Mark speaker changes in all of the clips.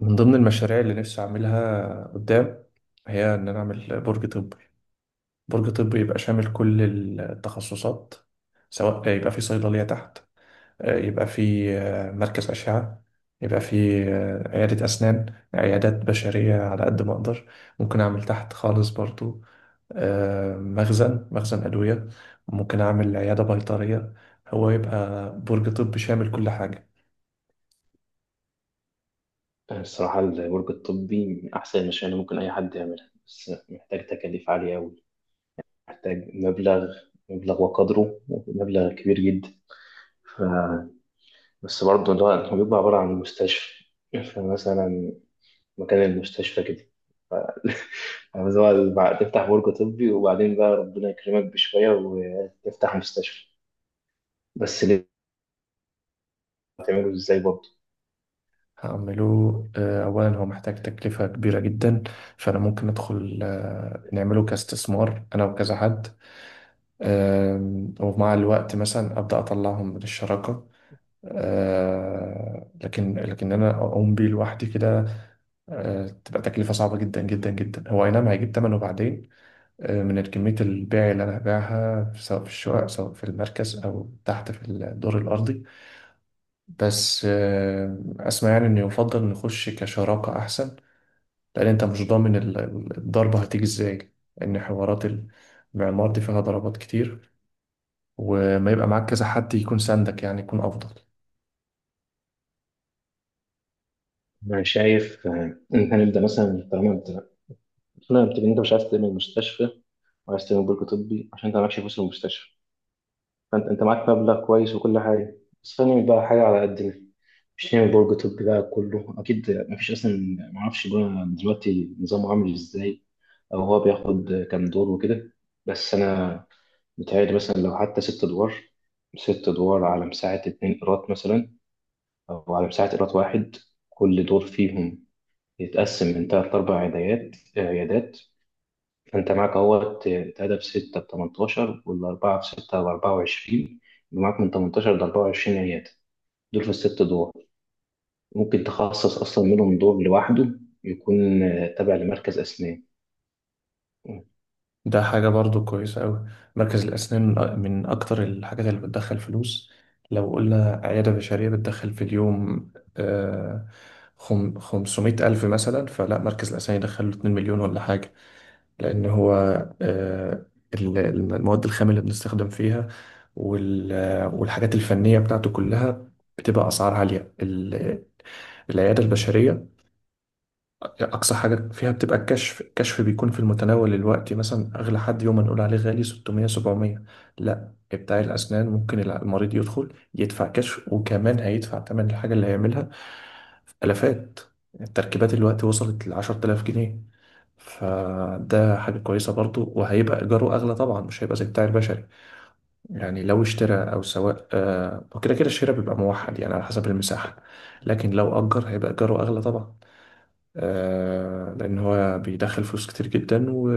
Speaker 1: من ضمن المشاريع اللي نفسي أعملها قدام هي إن أنا أعمل برج طبي. برج طبي يبقى شامل كل التخصصات، سواء يبقى في صيدلية تحت، يبقى في مركز أشعة، يبقى في عيادة أسنان، عيادات بشرية على قد ما أقدر. ممكن أعمل تحت خالص برضو مخزن أدوية، ممكن أعمل عيادة بيطرية. هو يبقى برج طبي شامل كل حاجة.
Speaker 2: الصراحة البرج الطبي من أحسن المشاريع اللي ممكن أي حد يعملها، بس محتاج تكاليف عالية أوي. محتاج مبلغ وقدره مبلغ كبير جدا. ف... بس برضه اللي هو بيبقى عبارة عن مستشفى. فمثلا مكان المستشفى كده. ف... بس هو تفتح برج طبي وبعدين بقى ربنا يكرمك بشوية وتفتح مستشفى. بس ليه؟ هتعمله ازاي برضه؟
Speaker 1: هعمله. أولا هو محتاج تكلفة كبيرة جدا، فأنا ممكن أدخل نعمله كاستثمار أنا وكذا حد. ومع الوقت مثلا أبدأ أطلعهم من الشراكة. لكن أنا أقوم بيه لوحدي كده، تبقى تكلفة صعبة جدا جدا جدا. هو أي نعم هيجيب تمنه بعدين، من كمية البيع اللي أنا هبيعها، سواء في الشقق سواء في المركز أو تحت في الدور الأرضي. بس أسمع يعني إن يفضل نخش كشراكة أحسن، لأن أنت مش ضامن الضربة هتيجي إزاي، لأن حوارات المعمار دي فيها ضربات كتير، وما يبقى معاك كذا حد يكون ساندك يعني يكون أفضل.
Speaker 2: أنا شايف إن إحنا نبدأ مثلا. طالما أنت مش عارف تعمل مستشفى، وعايز تعمل برج طبي عشان انت معكش فلوس المستشفى. فانت معاك مبلغ كويس وكل حاجه. بس خلينا بقى حاجه على قدنا، مش نعمل برج طبي بقى كله. اكيد مفيش اصلا، معرفش بقى دلوقتي نظامه عامل ازاي، او هو بياخد كام دور وكده. بس انا متهيألي مثلا لو حتى 6 ادوار، 6 ادوار على مساحه 2 قيراط مثلا، او على مساحه 1 قيراط. كل دور فيهم يتقسم من تلات لأربع عيادات. فأنت معاك اهوت اتقدم بستة بتمنتاشر، والأربعة بستة بأربعة وعشرين. يبقى معاك من تمنتاشر لأربعة وعشرين عيادة، دول في الست دور. ممكن تخصص أصلا منهم دور لوحده يكون تابع لمركز أسنان.
Speaker 1: ده حاجة برضو كويسة أوي. مركز الأسنان من من أكتر الحاجات اللي بتدخل فلوس. لو قلنا عيادة بشرية بتدخل في اليوم، آه، 500 ألف مثلا، فلا مركز الأسنان يدخل له 2 مليون ولا حاجة. لأن هو آه، المواد الخام اللي بنستخدم فيها والحاجات الفنية بتاعته كلها بتبقى أسعار عالية. العيادة البشرية أقصى حاجة فيها بتبقى الكشف. الكشف بيكون في المتناول الوقت، مثلا أغلى حد يوم ما نقول عليه غالي 600 700. لا، بتاع الأسنان ممكن المريض يدخل يدفع كشف وكمان هيدفع تمن الحاجة اللي هيعملها، في آلافات. التركيبات الوقت وصلت ل 10000 جنيه. فده حاجة كويسة برضو، وهيبقى إيجاره أغلى طبعا، مش هيبقى زي بتاع البشري. يعني لو اشترى أو سواء وكده كده الشراء بيبقى موحد يعني على حسب المساحة، لكن لو أجر هيبقى إيجاره أغلى طبعا. لأن هو بيدخل فلوس كتير جدا، و...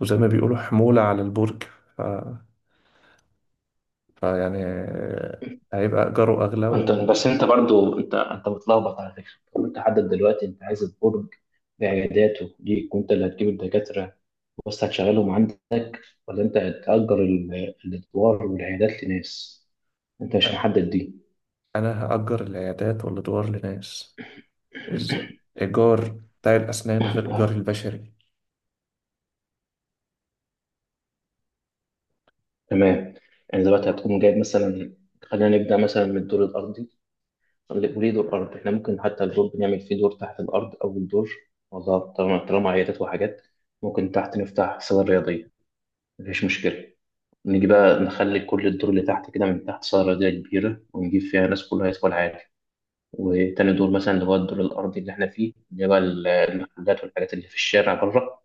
Speaker 1: وزي ما بيقولوا حمولة على البرج. ف... فيعني هيبقى إيجاره أغلى.
Speaker 2: أنت
Speaker 1: وأنا
Speaker 2: بس، أنت برضو، أنت متلخبط على فكرة. طب أنت حدد دلوقتي، أنت عايز البرج بعياداته ليك وأنت اللي هتجيب الدكاترة بس هتشغلهم عندك، ولا أنت هتأجر الأدوار والعيادات لناس؟ أنت مش محدد دي.
Speaker 1: هأجر العيادات والأدوار لناس. إز- إيجار بتاع الأسنان غير إيجار البشري.
Speaker 2: تمام. يعني دلوقتي هتقوم جايب مثلا، خلينا نبدأ مثلا من الدور الأرضي. وليه دور أرض؟ إحنا ممكن حتى الدور بنعمل فيه دور تحت الأرض أو الدور. والله طالما عيادات وحاجات، ممكن تحت نفتح صالة رياضية، مفيش مشكلة. نيجي بقى نخلي كل الدور اللي تحت كده من تحت صالة رياضية كبيرة، ونجيب فيها ناس كلها يدخل عادي. وتاني دور مثلا اللي هو الدور الأرضي اللي إحنا فيه، اللي هو المحلات والحاجات اللي في الشارع بره،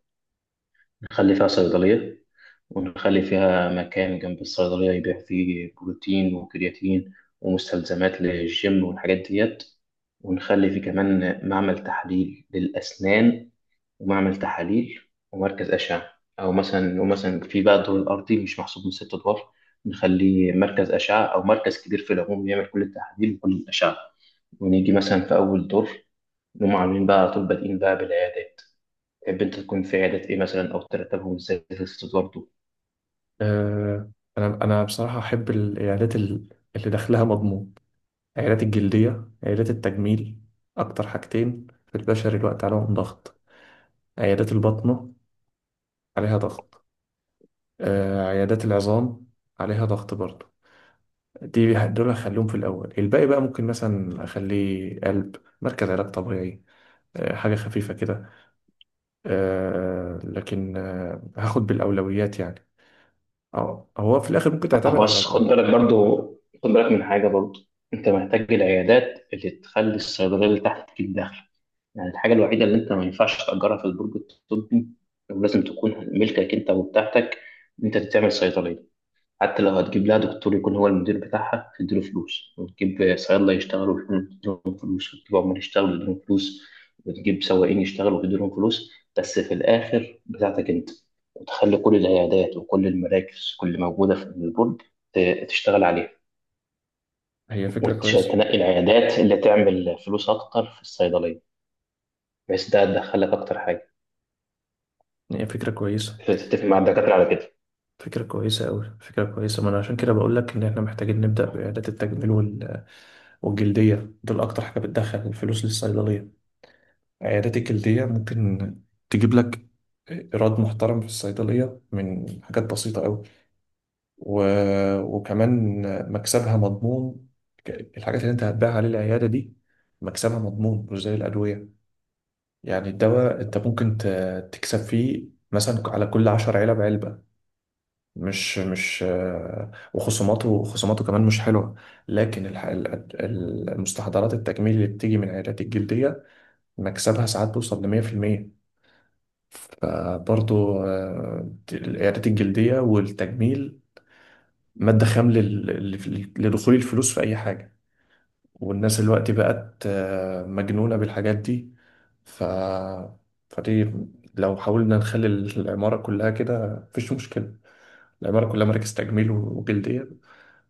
Speaker 2: نخلي فيها صيدلية، ونخلي فيها مكان جنب الصيدلية يبيع فيه بروتين وكرياتين ومستلزمات للجيم والحاجات ديت، ونخلي فيه كمان معمل تحليل للأسنان ومعمل تحاليل ومركز أشعة. أو مثلا، ومثلا في بقى الدور الأرضي مش محسوب من 6 أدوار، نخليه مركز أشعة أو مركز كبير في العموم يعمل كل التحاليل وكل الأشعة. ونيجي مثلا في أول دور نقوم عاملين بقى على طول بادئين بقى بالعيادات. تحب أنت تكون في عيادات إيه مثلا، أو ترتبهم إزاي في 6 أدوار دول؟
Speaker 1: آه، انا بصراحه احب العيادات اللي دخلها مضمون. عيادات الجلديه، عيادات التجميل، اكتر حاجتين في البشر الوقت عليهم ضغط. عيادات البطنه عليها ضغط، عيادات العظام عليها ضغط برضه. دي دول هخليهم في الاول. الباقي بقى ممكن مثلا اخليه قلب، مركز علاج طبيعي، حاجه خفيفه كده. لكن هاخد بالاولويات يعني. اه هو في الاخر ممكن تعتمد على...
Speaker 2: بس خد بالك برضو، خد بالك من حاجة برضو. انت محتاج العيادات اللي تخلي الصيدلية اللي تحت تجيب دخل. يعني الحاجة الوحيدة اللي انت ما ينفعش تأجرها في البرج الطبي ولازم تكون ملكك انت وبتاعتك، ان انت تعمل صيدلية. حتى لو هتجيب لها دكتور يكون هو المدير بتاعها تديله فلوس، وتجيب صيادلة يشتغلوا تديلهم فلوس، وتجيب عمال يشتغلوا تديلهم فلوس، وتجيب سواقين يشتغلوا تديلهم فلوس. بس في الآخر بتاعتك أنت، وتخلي كل العيادات وكل المراكز اللي موجودة في البرج تشتغل عليها.
Speaker 1: هي فكره كويسه.
Speaker 2: وتنقي العيادات اللي تعمل فلوس أكتر في الصيدلية، بحيث ده تدخلك أكتر حاجة.
Speaker 1: هي فكرة كويسة.
Speaker 2: تتفق مع الدكاترة على كده.
Speaker 1: فكرة كويسة أوي. فكرة كويسة. ما أنا عشان كده بقول لك إن إحنا محتاجين نبدأ بعيادات التجميل والجلدية. دول أكتر حاجة بتدخل الفلوس للصيدلية. عيادات الجلدية ممكن تجيب لك إيراد محترم في الصيدلية من حاجات بسيطة أوي. و... وكمان مكسبها مضمون. الحاجات اللي أنت هتبيعها للعيادة دي مكسبها مضمون مش زي الأدوية. يعني الدواء أنت ممكن تكسب فيه مثلا على كل عشر علب علبة. مش مش وخصوماته كمان مش حلوة. لكن المستحضرات التجميل اللي بتيجي من العيادات الجلدية مكسبها ساعات بيوصل لمية في المية. فبرضو العيادات الجلدية والتجميل مادة خام لدخول الفلوس في أي حاجة. والناس دلوقتي بقت مجنونة بالحاجات دي. ف... فدي لو حاولنا نخلي العمارة كلها كده مفيش مشكلة. العمارة كلها مراكز تجميل وجلدية،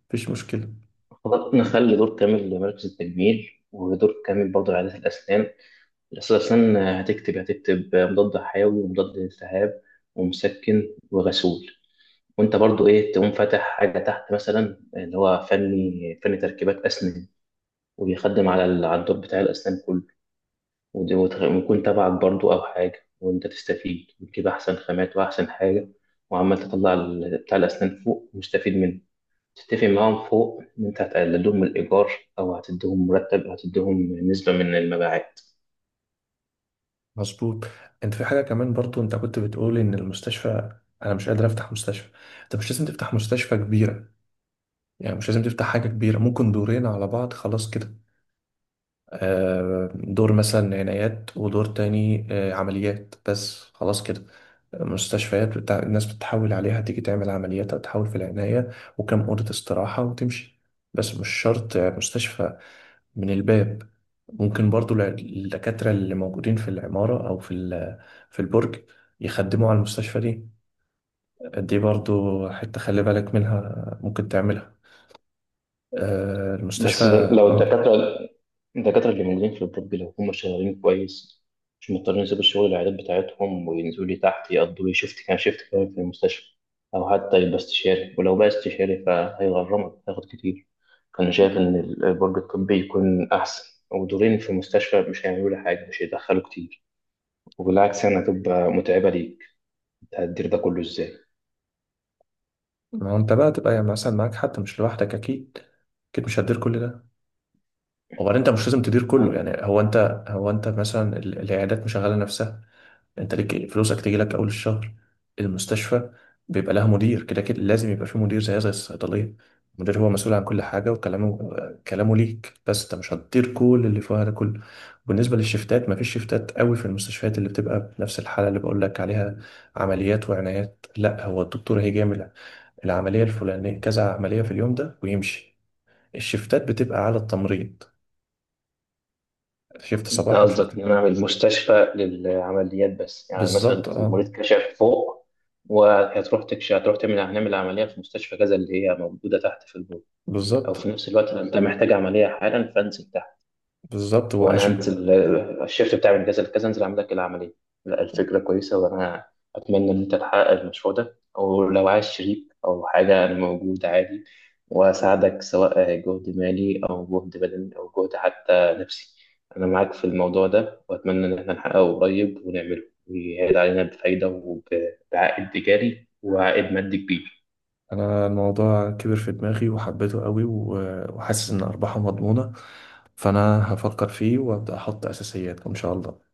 Speaker 1: مفيش مشكلة.
Speaker 2: خلاص نخلي دور كامل لمركز التجميل ودور كامل برضه لعيادات الأسنان. أساسا هتكتب مضاد حيوي ومضاد التهاب ومسكن وغسول. وأنت برضو إيه، تقوم فاتح حاجة تحت مثلا اللي هو فني تركيبات أسنان، وبيخدم على الدور بتاع الأسنان كله. ويكون تبعك برضو أو حاجة، وأنت تستفيد وتجيب أحسن خامات وأحسن حاجة. وعمال تطلع بتاع الأسنان فوق ومستفيد منه. تتفق معاهم فوق إن أنت هتقللهم الإيجار، أو هتديهم مرتب، أو هتديهم نسبة من المبيعات.
Speaker 1: مظبوط. انت في حاجه كمان برضو، انت كنت بتقول ان المستشفى انا مش قادر افتح مستشفى. انت مش لازم تفتح مستشفى كبيره، يعني مش لازم تفتح حاجه كبيره، ممكن دورين على بعض خلاص كده. دور مثلا عنايات ودور تاني عمليات بس خلاص كده. مستشفيات بتاع الناس بتحاول عليها تيجي تعمل عمليات او تحاول في العنايه وكم اوضه استراحه وتمشي، بس مش شرط مستشفى من الباب. ممكن برضو الدكاترة اللي موجودين في العمارة أو في البرج يخدموا على المستشفى دي. دي برضو حتة خلي بالك منها، ممكن تعملها المستشفى.
Speaker 2: بس لو
Speaker 1: اه،
Speaker 2: الدكاترة اللي موجودين في الطب لو هم شغالين كويس مش مضطرين يسيبوا الشغل العيادات بتاعتهم وينزلوا لي تحت يقضوا لي شيفت كمان في المستشفى. أو حتى يبقى استشاري، ولو بقى استشاري فهيغرمك هياخد كتير. أنا شايف إن البرج الطبي يكون أحسن، ودورين في المستشفى مش هيعملوا لي حاجة، مش هيدخلوا كتير، وبالعكس يعني هتبقى متعبة ليك. أنت هتدير ده كله إزاي؟
Speaker 1: ما هو انت بقى تبقى يعني مثلا معاك حد مش لوحدك اكيد. اكيد مش هتدير كل ده. وبعدين انت مش لازم تدير كله. يعني هو انت مثلا العيادات مشغله نفسها. انت ليك فلوسك تيجي لك اول الشهر. المستشفى بيبقى لها مدير كده كده، لازم يبقى في مدير زي الصيدليه. المدير هو مسؤول عن كل حاجه، وكلامه، كلامه ليك. بس انت مش هتطير كل اللي فيها ده كله. بالنسبه للشفتات، مفيش شفتات قوي في المستشفيات اللي بتبقى بنفس الحاله اللي بقول لك عليها، عمليات وعنايات. لا، هو الدكتور هيجامل، العمليه الفلانيه، كذا عمليه في اليوم ده ويمشي. الشفتات بتبقى على التمريض، شفت
Speaker 2: انت
Speaker 1: صباحي
Speaker 2: قصدك
Speaker 1: وشفت...
Speaker 2: ان انا اعمل مستشفى للعمليات بس، يعني مثلا
Speaker 1: بالظبط، اه.
Speaker 2: المريض كشف فوق، وهتروح تكشف، هتروح تعمل، هنعمل عمليه في مستشفى كذا اللي هي موجوده تحت في البول. او
Speaker 1: بالظبط.
Speaker 2: في نفس الوقت انت محتاج عمليه حالا فانزل.
Speaker 1: بالظبط
Speaker 2: هو انا
Speaker 1: واشبه.
Speaker 2: هنزل، الشيفت بتاعي من كذا لكذا انزل اعمل لك العمليه. لا، الفكره كويسه، وانا اتمنى ان انت تحقق المشروع ده، او لو عايز شريك او حاجه انا موجود عادي، واساعدك سواء جهد مالي او جهد بدني او جهد حتى نفسي. انا معاك في الموضوع ده، واتمنى ان احنا نحققه قريب ونعمله ويعيد علينا بفايده وبعائد تجاري وعائد مادي كبير.
Speaker 1: انا الموضوع كبر في دماغي وحبيته قوي، وحاسس ان ارباحه مضمونة. فانا هفكر فيه وابدا احط اساسيات ان شاء الله.